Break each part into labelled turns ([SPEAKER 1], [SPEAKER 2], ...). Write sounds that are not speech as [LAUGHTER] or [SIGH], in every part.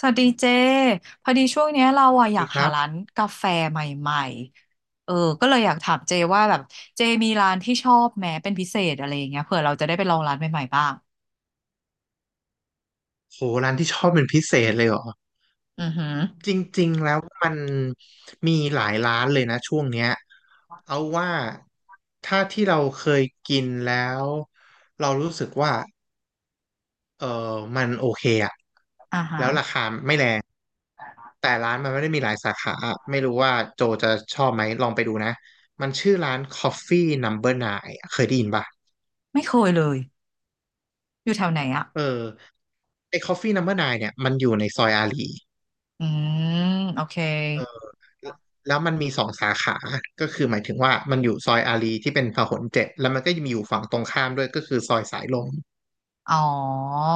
[SPEAKER 1] สวัสดีเจพอดีช่วงเนี้ยเราอะอยา
[SPEAKER 2] ดี
[SPEAKER 1] ก
[SPEAKER 2] ค
[SPEAKER 1] หา
[SPEAKER 2] รั
[SPEAKER 1] ร้า
[SPEAKER 2] บ
[SPEAKER 1] นกาแฟใหม่ๆก็เลยอยากถามเจว่าแบบเจมีร้านที่ชอบแม้เป็นพิเศษอะไรอย่างเงี้ยเผื่อเราจะได้ไปลองร้านใหม่ๆบ้าง
[SPEAKER 2] โหร้านที่ชอบเป็นพิเศษเลยเหรอ
[SPEAKER 1] อือหือ
[SPEAKER 2] จริงๆแล้วมันมีหลายร้านเลยนะช่วงเนี้ยเอาว่าถ้าที่เราเคยกินแล้วเรารู้สึกว่าเออมันโอเคอะ
[SPEAKER 1] อ่าฮะ
[SPEAKER 2] แล้วราคาไม่แรงแต่ร้านมันไม่ได้มีหลายสาขาไม่รู้ว่าโจจะชอบไหมลองไปดูนะมันชื่อร้าน Coffee Number n น n e เคยได้ยินป่ะ
[SPEAKER 1] ไม่เคยเลยอยู่แถวไหนอะ
[SPEAKER 2] เออไอ้ Coffee Number n น n e เนี่ยมันอยู่ในซอยอารี
[SPEAKER 1] อืมโอเค
[SPEAKER 2] แล้วมันมีสองสาขา ก็คือหมายถึงว่ามันอยู่ซอยอารีย์ที่เป็นพหลเจ็ดแล้วมันก็จะมีอยู่ฝั่งตรงข้ามด้วยก็คือซอยสายลม
[SPEAKER 1] อ๋อ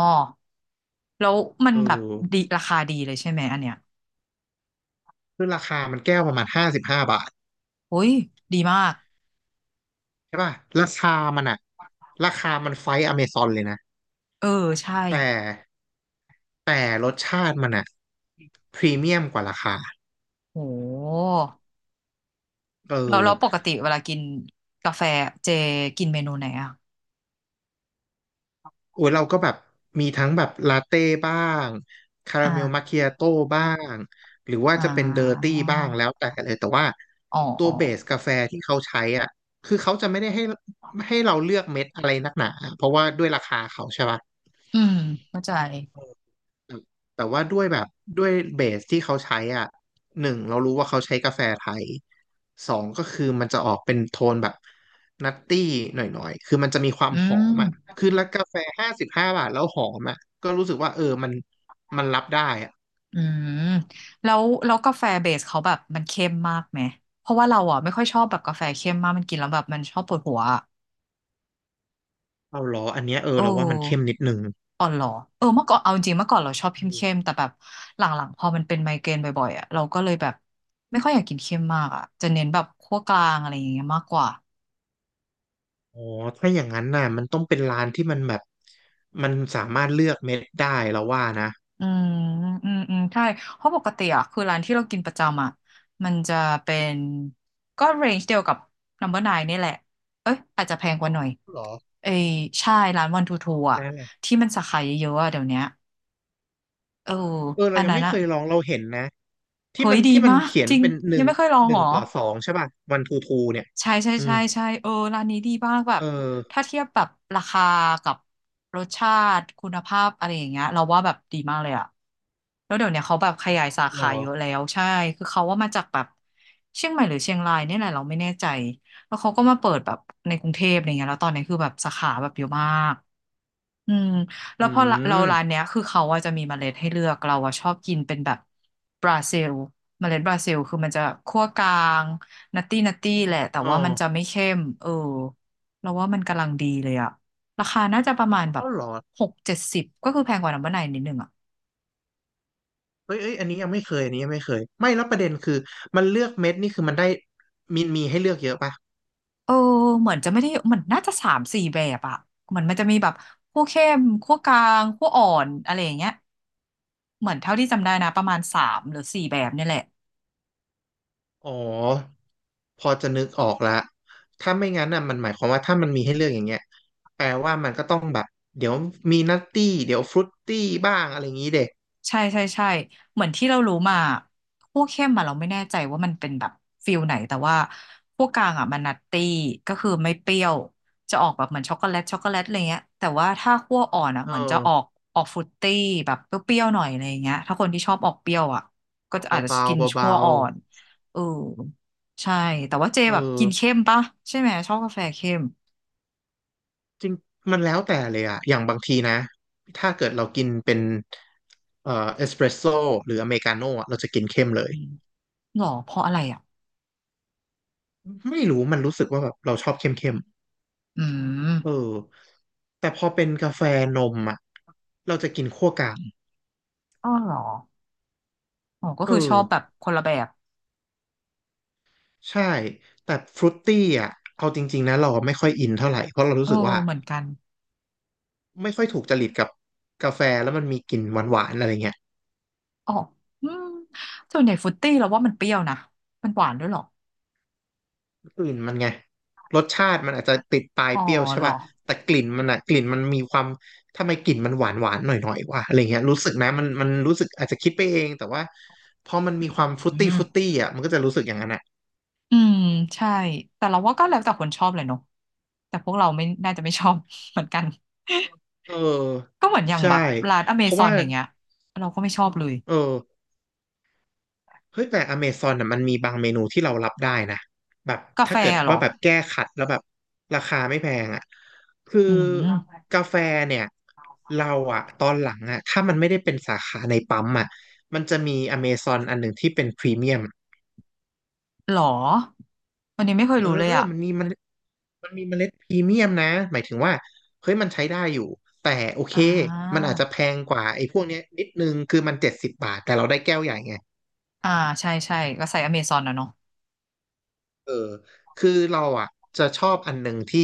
[SPEAKER 1] แล้วมัน
[SPEAKER 2] เออ
[SPEAKER 1] แบบดีราคาดีเลยใช่ไหมอันเนี้ย
[SPEAKER 2] คือราคามันแก้วประมาณห้าสิบห้าบาท
[SPEAKER 1] โอ้ยดีมาก
[SPEAKER 2] ใช่ป่ะราคามันอะราคามันไฟท์อเมซอนเลยนะ
[SPEAKER 1] เออใช่
[SPEAKER 2] แต่รสชาติมันอะพรีเมียมกว่าราคา
[SPEAKER 1] โห
[SPEAKER 2] เออ
[SPEAKER 1] แล้วปกติเวลากินกาแฟเจกินเมนูไหนอะ
[SPEAKER 2] โอ้ยเราก็แบบมีทั้งแบบลาเต้บ้างคาราเมลมัค
[SPEAKER 1] อ่า
[SPEAKER 2] คิอาโต้บ้างหรือว่า
[SPEAKER 1] อ่
[SPEAKER 2] จะเป็นเดอร์ตี้
[SPEAKER 1] า
[SPEAKER 2] บ้างแล้วแต่เลยแต่ว่า
[SPEAKER 1] อ๋อ
[SPEAKER 2] ตัวเบสกาแฟที่เขาใช้อ่ะคือเขาจะไม่ได้ให้เราเลือกเม็ดอะไรนักหนาเพราะว่าด้วยราคาเขาใช่ปะ
[SPEAKER 1] อืมเข้าใจ
[SPEAKER 2] แต่ว่าด้วยแบบด้วยเบสที่เขาใช้อ่ะหนึ่งเรารู้ว่าเขาใช้กาแฟไทยสองก็คือมันจะออกเป็นโทนแบบนัตตี้หน่อยๆคือมันจะมีความ
[SPEAKER 1] อื
[SPEAKER 2] หอมอ่ะ
[SPEAKER 1] ม
[SPEAKER 2] คือแล้วกาแฟห้าสิบห้าบาทแล้วหอมอ่ะก็รู้สึกว่าเออมันรับได้อ่ะ
[SPEAKER 1] อืมแล้วกาแฟเบสเขาแบบมันเข้มมากไหมเพราะว่าเราอ่ะไม่ค่อยชอบแบบกาแฟเข้มมากมันกินแล้วแบบมันชอบปวดหัวอะ
[SPEAKER 2] เอาเหรออันเนี้ยเออ
[SPEAKER 1] เอ
[SPEAKER 2] เราว่ามันเข้ม
[SPEAKER 1] อ
[SPEAKER 2] นิดนึง
[SPEAKER 1] อ๋อเหรอเออเมื่อก่อนเอาจริงเมื่อก่อนเราชอบเข้
[SPEAKER 2] อื
[SPEAKER 1] ม
[SPEAKER 2] ม
[SPEAKER 1] เข้มแต่แบบหลังๆพอมันเป็นไมเกรนบ่อยๆอ่ะเราก็เลยแบบไม่ค่อยอยากกินเข้มมากอ่ะจะเน้นแบบคั่วกลางอะไรอย่างเงี้ยมากกว่า
[SPEAKER 2] อ๋อถ้าอย่างนั้นน่ะมันต้องเป็นร้านที่มันแบบมันสามารถเลือกเม็ดได้เราว่านะ
[SPEAKER 1] อืมอืมใช่เพราะปกติอ่ะคือร้านที่เรากินประจำอ่ะมันจะเป็นก็เรนจ์เดียวกับ Number n นายนี่แหละเอ้ยอาจจะแพงกว่าหน่อย
[SPEAKER 2] เหรอ
[SPEAKER 1] เอ้ยใช่ร้านวันทูทูอ่ะ
[SPEAKER 2] ได้
[SPEAKER 1] ที่มันสาขาเยอะๆอ่ะเดี๋ยวเนี้ยเออ
[SPEAKER 2] เออเรา
[SPEAKER 1] อัน
[SPEAKER 2] ยัง
[SPEAKER 1] นั้น
[SPEAKER 2] ไม่เค
[SPEAKER 1] อ่ะ
[SPEAKER 2] ยลองเราเห็นนะที่
[SPEAKER 1] เฮ้
[SPEAKER 2] มั
[SPEAKER 1] ย
[SPEAKER 2] น
[SPEAKER 1] ดีมาก
[SPEAKER 2] เขีย
[SPEAKER 1] จ
[SPEAKER 2] น
[SPEAKER 1] ริง
[SPEAKER 2] เป็นห
[SPEAKER 1] ยั
[SPEAKER 2] นึ่
[SPEAKER 1] ง
[SPEAKER 2] ง
[SPEAKER 1] ไม่เคยลอง
[SPEAKER 2] หนึ่
[SPEAKER 1] หร
[SPEAKER 2] ง
[SPEAKER 1] อ
[SPEAKER 2] ต่อสองใช่ป่ะวันทูทูเนี่ย
[SPEAKER 1] ใช่ใช่
[SPEAKER 2] อื
[SPEAKER 1] ใช่
[SPEAKER 2] ม
[SPEAKER 1] ใช่เออร้านนี้ดีมากแบบ
[SPEAKER 2] เออ
[SPEAKER 1] ถ้าเทียบแบบราคากับรสชาติคุณภาพอะไรอย่างเงี้ยเราว่าแบบดีมากเลยอะแล้วเดี๋ยวเนี้ยเขาแบบขยายสา
[SPEAKER 2] หรอ
[SPEAKER 1] ขาเยอะแล้วใช่คือเขาว่ามาจากแบบเชียงใหม่หรือเชียงรายเนี่ยแหละเราไม่แน่ใจแล้วเขาก็มาเปิดแบบในกรุงเทพอะไรเงี้ยแล้วตอนนี้คือแบบสาขาแบบเยอะมาก อืมแล้
[SPEAKER 2] อื
[SPEAKER 1] วพอเรา
[SPEAKER 2] ม
[SPEAKER 1] ร้านเนี้ยคือเขาอะจะมีเมล็ดให้เลือกเราอะชอบกินเป็นแบบบราซิลเมล็ดบราซิลคือมันจะคั่วกลางนัตตี้นัตตี้แหละแต่
[SPEAKER 2] อ๋อ
[SPEAKER 1] ว่ามันจะไม่เข้มเออเราว่ามันกำลังดีเลยอะราคาน่าจะประมาณแบบ
[SPEAKER 2] เอ้าหรอ
[SPEAKER 1] หกเจ็ดสิบก็คือแพงกว่าน้ำมันไนนิดนึงอะ
[SPEAKER 2] เฮ้ยเอ้ยอันนี้ยังไม่เคยอันนี้ยังไม่เคยไม่แล้วประเด็นคือมันเลือกเม็ดนี่คือมันได้มีให้เลือกเยอะป่ะ
[SPEAKER 1] เออเหมือนจะไม่ได้มันน่าจะสามสี่แบบอะเหมือนมันจะมีแบบคั่วเข้มคั่วกลางคั่วอ่อนอะไรอย่างเงี้ยเหมือนเท่าที่จำได้นะประมาณสามหรือสี่แบบเนี่ยแหละ
[SPEAKER 2] อ๋อพอจะนึกออกละถ้าไม่งั้นน่ะมันหมายความว่าถ้ามันมีให้เลือกอย่างเงี้ยแปลว่ามันก็ต้องแบบเดี๋ยวมีนัตตี้เดี๋ยวฟรุตตี้บ้างอะไรอย่างงี้เด็ก
[SPEAKER 1] ใช่ใช่ใช่เหมือนที่เรารู้มาพวกเข้มอะเราไม่แน่ใจว่ามันเป็นแบบฟิลไหนแต่ว่าพวกกลางอะมันนัตตี้ก็คือไม่เปรี้ยวจะออกแบบเหมือนช็อกโกแลตช็อกโกแลตอะไรเงี้ยแต่ว่าถ้าคั่วอ่อนอะ
[SPEAKER 2] เอ
[SPEAKER 1] เหมือนจะออ
[SPEAKER 2] อ
[SPEAKER 1] กฟรุตตี้แบบเปรี้ยวๆหน่อยอะไรเงี้ยถ้าคนที่ชอบออกเปรี้ยวอะก็จะอาจจะ
[SPEAKER 2] เบา
[SPEAKER 1] กิน
[SPEAKER 2] ๆ
[SPEAKER 1] คั่
[SPEAKER 2] เบา
[SPEAKER 1] วอ่อนเออใช่แต่ว่าเจ
[SPEAKER 2] เออ
[SPEAKER 1] แบบกินเข้มปะใช่ไหมชอบกาแฟเข้ม
[SPEAKER 2] จริงมันแล้วแต่เลยอะอย่างบางทีนะถ้าเกิดเรากินเป็นเอสเปรสโซ่หรืออเมริกาโน่อะเราจะกินเข้มเลย
[SPEAKER 1] อืมหรอเพราะอะไรอ่ะ
[SPEAKER 2] ไม่รู้มันรู้สึกว่าแบบเราชอบเข้ม
[SPEAKER 1] อื
[SPEAKER 2] ๆเออ
[SPEAKER 1] ม
[SPEAKER 2] แต่พอเป็นกาแฟนมอะเราจะกินคั่วกลาง
[SPEAKER 1] อ๋อเหรออ๋อก็
[SPEAKER 2] เอ
[SPEAKER 1] คือช
[SPEAKER 2] อ
[SPEAKER 1] อบแบบคนละแบบ
[SPEAKER 2] ใช่แต่ฟรุตตี้อะเอาจริงๆนะเราไม่ค่อยอินเท่าไหร่เพราะเรา
[SPEAKER 1] เอ
[SPEAKER 2] รู้
[SPEAKER 1] อ
[SPEAKER 2] สึกว่า
[SPEAKER 1] เหมือนกัน
[SPEAKER 2] ไม่ค่อยถูกจริตกับกาแฟแล้วมันมีกลิ่นหวานๆอะไรเงี้ย
[SPEAKER 1] อ๋ออืมส่วนใหญ่ฟรุตตี้เราว่ามันเปรี้ยวนะมันหวานด้วยเหรอ
[SPEAKER 2] กลิ่นมันไงรสชาติมันอาจจะติดปลาย
[SPEAKER 1] อ๋อ
[SPEAKER 2] เปรี้ยวใช่
[SPEAKER 1] เหรอ
[SPEAKER 2] ป่ะแต่กลิ่นมันอะกลิ่นมีความทำไมกลิ่นมันหวานหวานหน่อยหน่อยว่ะอะไรเงี้ยรู้สึกนะมันรู้สึกอาจจะคิดไปเองแต่ว่าพอมันมีความฟรุ
[SPEAKER 1] อื
[SPEAKER 2] ตตี้
[SPEAKER 1] ม
[SPEAKER 2] ฟรุตตี้อะมันก็จะรู้สึกอย่างนั้นอะ
[SPEAKER 1] อืมใช่แต่เราว่าก็แล้วแต่คนชอบเลยเนาะแต่พวกเราไม่น่าจะไม่ชอบ [LAUGHS] เหมือนกัน
[SPEAKER 2] เออ
[SPEAKER 1] ก็เหมือนอย่าง
[SPEAKER 2] ใช่
[SPEAKER 1] แบบร้านอเม
[SPEAKER 2] เพราะ
[SPEAKER 1] ซอน
[SPEAKER 2] ว่า
[SPEAKER 1] อย่างเงี้ยเราก็ไม่ชอบเลย
[SPEAKER 2] เออ เฮ้ยแต่อเมซอนน่ะมันมีบางเมนูที่เรารับได้นะแบบ
[SPEAKER 1] กาแฟ
[SPEAKER 2] ถ้าเกิด
[SPEAKER 1] อะเหรอ
[SPEAKER 2] ว่าแบบแก้ขัดแล้วแบบราคาไม่แพงอ่ะคือ
[SPEAKER 1] อืม
[SPEAKER 2] กาแฟเนี่ยเราอ่ะตอนหลังอ่ะถ้ามันไม่ได้เป็นสาขาในปั๊มอ่ะมันจะมีอเมซอนอันหนึ่งที่เป็นพรีเมียม
[SPEAKER 1] เหรอวันนี้ไม่เคย
[SPEAKER 2] เออ
[SPEAKER 1] รู้เลยอ่ะ
[SPEAKER 2] มันมีมันมันมีเมล็ดพรีเมียมนะหมายถึงว่าเฮ้ยมันใช้ได้อยู่แต่โอเค
[SPEAKER 1] อ่
[SPEAKER 2] มัน
[SPEAKER 1] า
[SPEAKER 2] อาจจะแพงกว่าไอ้พวกเนี้ยนิดนึงคือมัน70 บาทแต่เราได้แก้วใหญ่ไง
[SPEAKER 1] อ่าใช่ใช่ก็ใส่อเมซอนนะเนาะ
[SPEAKER 2] เออคือเราอ่ะจะชอบอันหนึ่งที่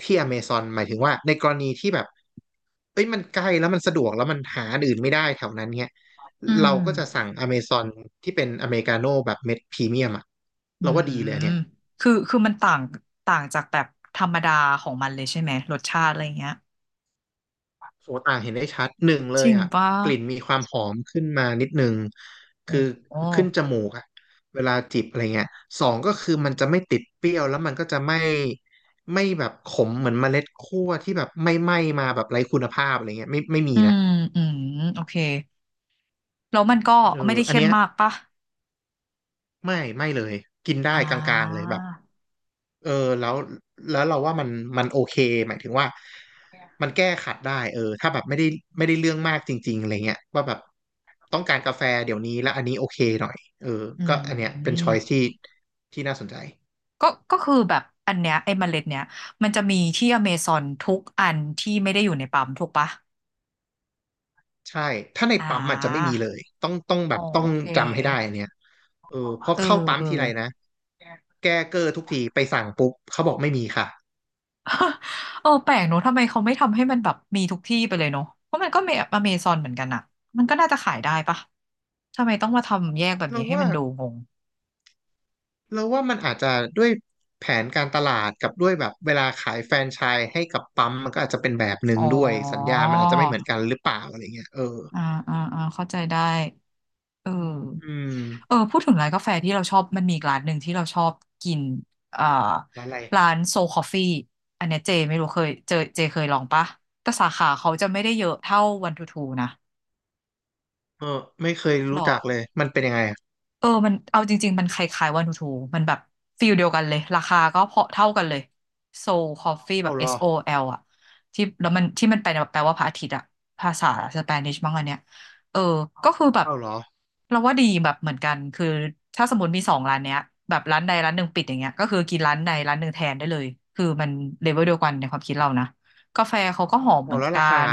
[SPEAKER 2] อเมซอนหมายถึงว่าในกรณีที่แบบเอ้ยมันใกล้แล้วมันสะดวกแล้วมันหาอันอื่นไม่ได้แถวนั้นเนี่ย
[SPEAKER 1] อื
[SPEAKER 2] เราก็จะสั่
[SPEAKER 1] ม
[SPEAKER 2] งอเมซอนที่เป็นอเมริกาโน่แบบเม็ดพรีเมียมอ่ะ
[SPEAKER 1] อื
[SPEAKER 2] เราว่าดีเลยอัน
[SPEAKER 1] ม
[SPEAKER 2] เนี่ย
[SPEAKER 1] คือมันต่าง ต่างจากแบบธรรมดาของมันเลยใช่ไหมรสชาติอะไรเงี้ย
[SPEAKER 2] โสต่างเห็นได้ชัดหนึ่งเล
[SPEAKER 1] จ
[SPEAKER 2] ย
[SPEAKER 1] ริง
[SPEAKER 2] อ่ะ
[SPEAKER 1] ปะ
[SPEAKER 2] กลิ่นมีความหอมขึ้นมานิดนึง
[SPEAKER 1] โอ้
[SPEAKER 2] คือ
[SPEAKER 1] โห
[SPEAKER 2] ขึ้นจมูกอ่ะเวลาจิบอะไรเงี้ยสองก็คือมันจะไม่ติดเปรี้ยวแล้วมันก็จะไม่แบบขมเหมือนเมล็ดคั่วที่แบบไม่ไหม้มาแบบไร้คุณภาพอะไรเงี้ยไม่ไม่มี
[SPEAKER 1] อื
[SPEAKER 2] นะ
[SPEAKER 1] ม อืม โอเค แล้วมันก็
[SPEAKER 2] เอ
[SPEAKER 1] ไม่
[SPEAKER 2] อ
[SPEAKER 1] ได้
[SPEAKER 2] อัน
[SPEAKER 1] เข้ม
[SPEAKER 2] เนี้ย
[SPEAKER 1] มากปะ
[SPEAKER 2] ไม่ไม่เลยกินได้
[SPEAKER 1] อ่
[SPEAKER 2] กลางๆเลย
[SPEAKER 1] า
[SPEAKER 2] แบบ เออแล้วเราว่ามันโอเคหมายถึงว่ามันแก้ขัดได้เออถ้าแบบไม่ได้เรื่องมากจริงๆอะไรเงี้ยว่าแบบต้องการกาแฟเดี๋ยวนี้แล้วอันนี้โอเคหน่อยเออ
[SPEAKER 1] อื
[SPEAKER 2] ก็อันเนี้ยเป็น
[SPEAKER 1] ม
[SPEAKER 2] ช้อยที่น่าสนใจ
[SPEAKER 1] ก็ คือแบบอันเนี้ยไอ้เมล็ดเนี้ย มันจะมีที่อเมซอนทุกอันที่ไม่ได้อยู่ในปั๊มถูกปะ
[SPEAKER 2] ใช่ถ้าใน
[SPEAKER 1] อ่
[SPEAKER 2] ปั๊มอาจจะไม่
[SPEAKER 1] า
[SPEAKER 2] มีเลย
[SPEAKER 1] อ๋อ
[SPEAKER 2] ต้อ
[SPEAKER 1] โอ
[SPEAKER 2] ง
[SPEAKER 1] เค
[SPEAKER 2] จำให้ได้อันเนี้ยเออเพราะ
[SPEAKER 1] เออ
[SPEAKER 2] เข้าปั๊ม
[SPEAKER 1] เออ
[SPEAKER 2] ทีไรนะแก้เกอร์ทุกทีไปสั่งปุ๊บเขาบอกไม่มีค่ะ
[SPEAKER 1] เออแปลกเนอะทำไมเขาไม่ทำให้มันแบบมีทุกที่ไปเลยเนอะเพราะมันก็เมอเมซอนเหมือนกันอะมันก็น่าจะขายได้ปะทำไมต้องมาทำแยกแบบ
[SPEAKER 2] เรา
[SPEAKER 1] นี้ให้
[SPEAKER 2] ว่า
[SPEAKER 1] มันดูงง
[SPEAKER 2] มันอาจจะด้วยแผนการตลาดกับด้วยแบบเวลาขายแฟรนไชส์ให้กับปั๊มมันก็อาจจะเป็นแบบหนึ่
[SPEAKER 1] อ๋
[SPEAKER 2] ง
[SPEAKER 1] อ
[SPEAKER 2] ด้วยสัญญามันอาจจะไม่เหมือนกันหรือเปล่าอะไรเงี้ยเออ
[SPEAKER 1] อ่าอ่าอ่าเข้าใจได้เอ
[SPEAKER 2] อื
[SPEAKER 1] อ
[SPEAKER 2] ม
[SPEAKER 1] เออพูดถึงร้านกาแฟที่เราชอบมันมีอีกร้านหนึ่งที่เราชอบกินอ่า
[SPEAKER 2] ร้านอะไร
[SPEAKER 1] ร้านโซคอฟฟี่อันเนี้ยเจไม่รู้เคยเจอเจเคยลองปะแต่สาขาเขาจะไม่ได้เยอะเท่าวันทูทูนะ
[SPEAKER 2] เออไม่เคย
[SPEAKER 1] หร
[SPEAKER 2] รู้
[SPEAKER 1] อ
[SPEAKER 2] จักเลยมันเป็นยังไงอะ
[SPEAKER 1] เออมันเอาจริงๆมันคล้ายๆวานูทูมันแบบฟีลเดียวกันเลยราคาก็พอเท่ากันเลยโซลคอฟฟี่แบ
[SPEAKER 2] เอา
[SPEAKER 1] บ
[SPEAKER 2] เหร
[SPEAKER 1] S
[SPEAKER 2] อ
[SPEAKER 1] O L อแอลอ่ะที่แล้วมันที่มันแปลว่าพระอาทิตย์อ่ะภาษาสเปนิชมั้งอันเนี้ยเออก็คือแบบ
[SPEAKER 2] เอาเหรอ
[SPEAKER 1] เราว่าดีแบบเหมือนกันคือถ้าสมมติมีสองร้านเนี้ยแบบร้านใดร้านหนึ่งปิดอย่างเงี้ยก็คือกินร้านใดร้านหนึ่งแทนได้เลยคือมันเลเวลเดียวกันในความคิดเรานะกาแฟเขาก็หอมเห
[SPEAKER 2] เอา
[SPEAKER 1] มือน
[SPEAKER 2] แล้ว
[SPEAKER 1] กั
[SPEAKER 2] ราคา
[SPEAKER 1] น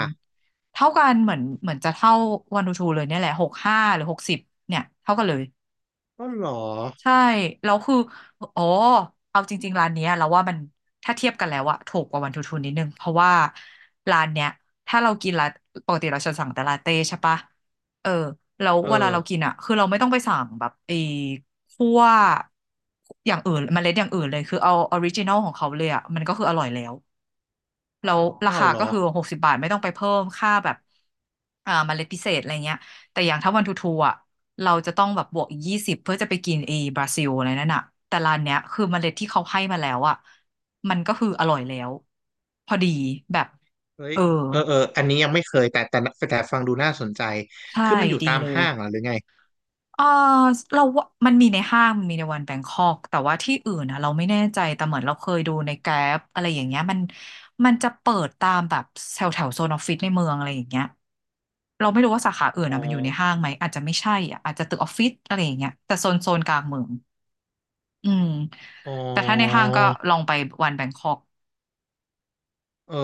[SPEAKER 1] เท่ากันเหมือนจะเท่าวานูทูเลยเนี่ยแหละ65หรือหกสิบเนี่ยเท่ากันเลย
[SPEAKER 2] ก็เหรอ
[SPEAKER 1] ใช่แล้วคืออ๋อเอาจริงๆร้านเนี้ยเราว่ามันถ้าเทียบกันแล้วอะถูกกว่าวันทูทูนิดนึงเพราะว่าร้านเนี้ยถ้าเรากินละปกติเราจะสั่งแต่ลาเต้ใช่ปะเออแล้ว
[SPEAKER 2] เอ
[SPEAKER 1] เวลา
[SPEAKER 2] อ
[SPEAKER 1] เรากินอะคือเราไม่ต้องไปสั่งแบบไอ้คั่วอย่างอื่นเมล็ดอย่างอื่นเลยคือเอาออริจินอลของเขาเลยอะมันก็คืออร่อยแล้ว แล้วรา
[SPEAKER 2] เอา
[SPEAKER 1] คา
[SPEAKER 2] เหร
[SPEAKER 1] ก็
[SPEAKER 2] อ
[SPEAKER 1] คือ60 บาทไม่ต้องไปเพิ่มค่าแบบเมล็ดพิเศษอะไรเงี้ยแต่อย่างถ้าวันทูทูอ่ะเราจะต้องแบบบวกอีก20เพื่อจะไปกินเอบราซิลอะไรนั่นอ่ะแต่ร้านเนี้ยคือเมล็ดที่เขาให้มาแล้วอ่ะมันก็คืออร่อยแล้วพอดีแบบ
[SPEAKER 2] เฮ้ย
[SPEAKER 1] เออ
[SPEAKER 2] เออเอออันนี้ยังไม่เคยแต่ฟังดูน่าสนใจ
[SPEAKER 1] ใช่
[SPEAKER 2] คือมันอยู่
[SPEAKER 1] ดี
[SPEAKER 2] ตาม
[SPEAKER 1] เลย
[SPEAKER 2] ห้างเหรอหรือไง
[SPEAKER 1] เออเราว่ามันมีในห้างมันมีในวันแบงคอกแต่ว่าที่อื่นนะเราไม่แน่ใจแต่เหมือนเราเคยดูในแกร็บอะไรอย่างเงี้ยมันมันจะเปิดตามแบบแถวแถวโซนออฟฟิศในเมืองอะไรอย่างเงี้ย เราไม่รู้ว่าสาขาอื่น
[SPEAKER 2] อ๋อ
[SPEAKER 1] อ่ะมันอยู่ในห้างไหมอาจจะไม่ใช่อ่ะอาจจะตึกออฟฟิศอะไรอย่างเงี้ยแต่โซนกลางเมืองอืม
[SPEAKER 2] อ๋อ
[SPEAKER 1] แต่ถ้าในห้างก็ลองไปวันแบงคอก
[SPEAKER 2] เออ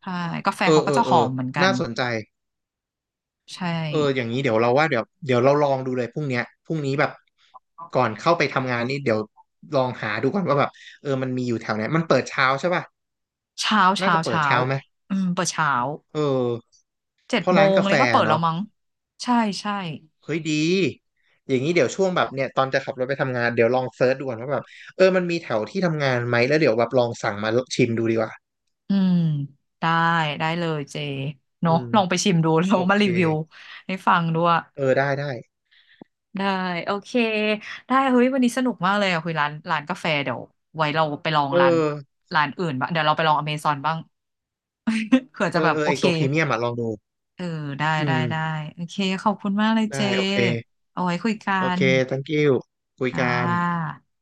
[SPEAKER 1] ใช่กาแฟ
[SPEAKER 2] เอ
[SPEAKER 1] เขา
[SPEAKER 2] อ
[SPEAKER 1] ก็
[SPEAKER 2] เอ
[SPEAKER 1] จะ
[SPEAKER 2] อ
[SPEAKER 1] ห
[SPEAKER 2] เอ
[SPEAKER 1] อ
[SPEAKER 2] อ
[SPEAKER 1] มเหมือนกัน
[SPEAKER 2] น่าสนใจ
[SPEAKER 1] ใช่
[SPEAKER 2] เอออย่างนี้เดี๋ยวเราว่าเดี๋ยวเราลองดูเลยพรุ่งนี้แบบก่อนเข้าไปทำงานนี่เดี๋ยวลองหาดูก่อนว่าแบบเออมันมีอยู่แถวไหนมันเปิดเช้าใช่ป่ะ
[SPEAKER 1] เช้า
[SPEAKER 2] น่า
[SPEAKER 1] เช้า
[SPEAKER 2] จะเปิด
[SPEAKER 1] เช้า
[SPEAKER 2] เช้าไหม
[SPEAKER 1] อืมเปิดเช้า
[SPEAKER 2] เออ
[SPEAKER 1] เจ็ด
[SPEAKER 2] เพราะ
[SPEAKER 1] โม
[SPEAKER 2] ร้าน
[SPEAKER 1] ง
[SPEAKER 2] กา
[SPEAKER 1] เล
[SPEAKER 2] แฟ
[SPEAKER 1] ยก็เปิดแล้ว
[SPEAKER 2] เนาะ
[SPEAKER 1] มั้งใช่ใช่
[SPEAKER 2] เฮ้ยดีอย่างนี้เดี๋ยวช่วงแบบเนี่ยตอนจะขับรถไปทำงานเดี๋ยวลองเซิร์ชดูก่อนว่าแบบเออมันมีแถวที่ทำงานไหมแล้วเดี๋ยวแบบลองสั่งมาชิมดูดีกว่า
[SPEAKER 1] อืมได้ได้เลยเจเน
[SPEAKER 2] อื
[SPEAKER 1] อะ
[SPEAKER 2] ม
[SPEAKER 1] ลองไปชิมดู [LAUGHS] แล้
[SPEAKER 2] โอ
[SPEAKER 1] วมา
[SPEAKER 2] เค
[SPEAKER 1] รีวิวให้ฟังด้วย
[SPEAKER 2] เออได้ได้
[SPEAKER 1] ได้โอเคได้เฮ้ยวันนี้สนุกมากเลยอะคุยร้านกาแฟเดี๋ยวไว้เราไปลอง
[SPEAKER 2] เอ
[SPEAKER 1] ร้าน
[SPEAKER 2] อ
[SPEAKER 1] ร้านอื่นบ้างเดี๋ยวเราไปลองอเมซอนบ้าง [LAUGHS] เผื่อ
[SPEAKER 2] เอ
[SPEAKER 1] จะแบ
[SPEAKER 2] อ
[SPEAKER 1] บ
[SPEAKER 2] เออ
[SPEAKER 1] โอ
[SPEAKER 2] ไอ
[SPEAKER 1] เค
[SPEAKER 2] ตัวพรีเมียมอะลองดู
[SPEAKER 1] เออได้
[SPEAKER 2] อื
[SPEAKER 1] ได้
[SPEAKER 2] ม
[SPEAKER 1] ได้โอเคขอบคุณมากเลยเจ
[SPEAKER 2] ได้โอเค
[SPEAKER 1] เอาไว้คุยกั
[SPEAKER 2] โอ
[SPEAKER 1] น
[SPEAKER 2] เค thank you คุย
[SPEAKER 1] อ่
[SPEAKER 2] กัน
[SPEAKER 1] า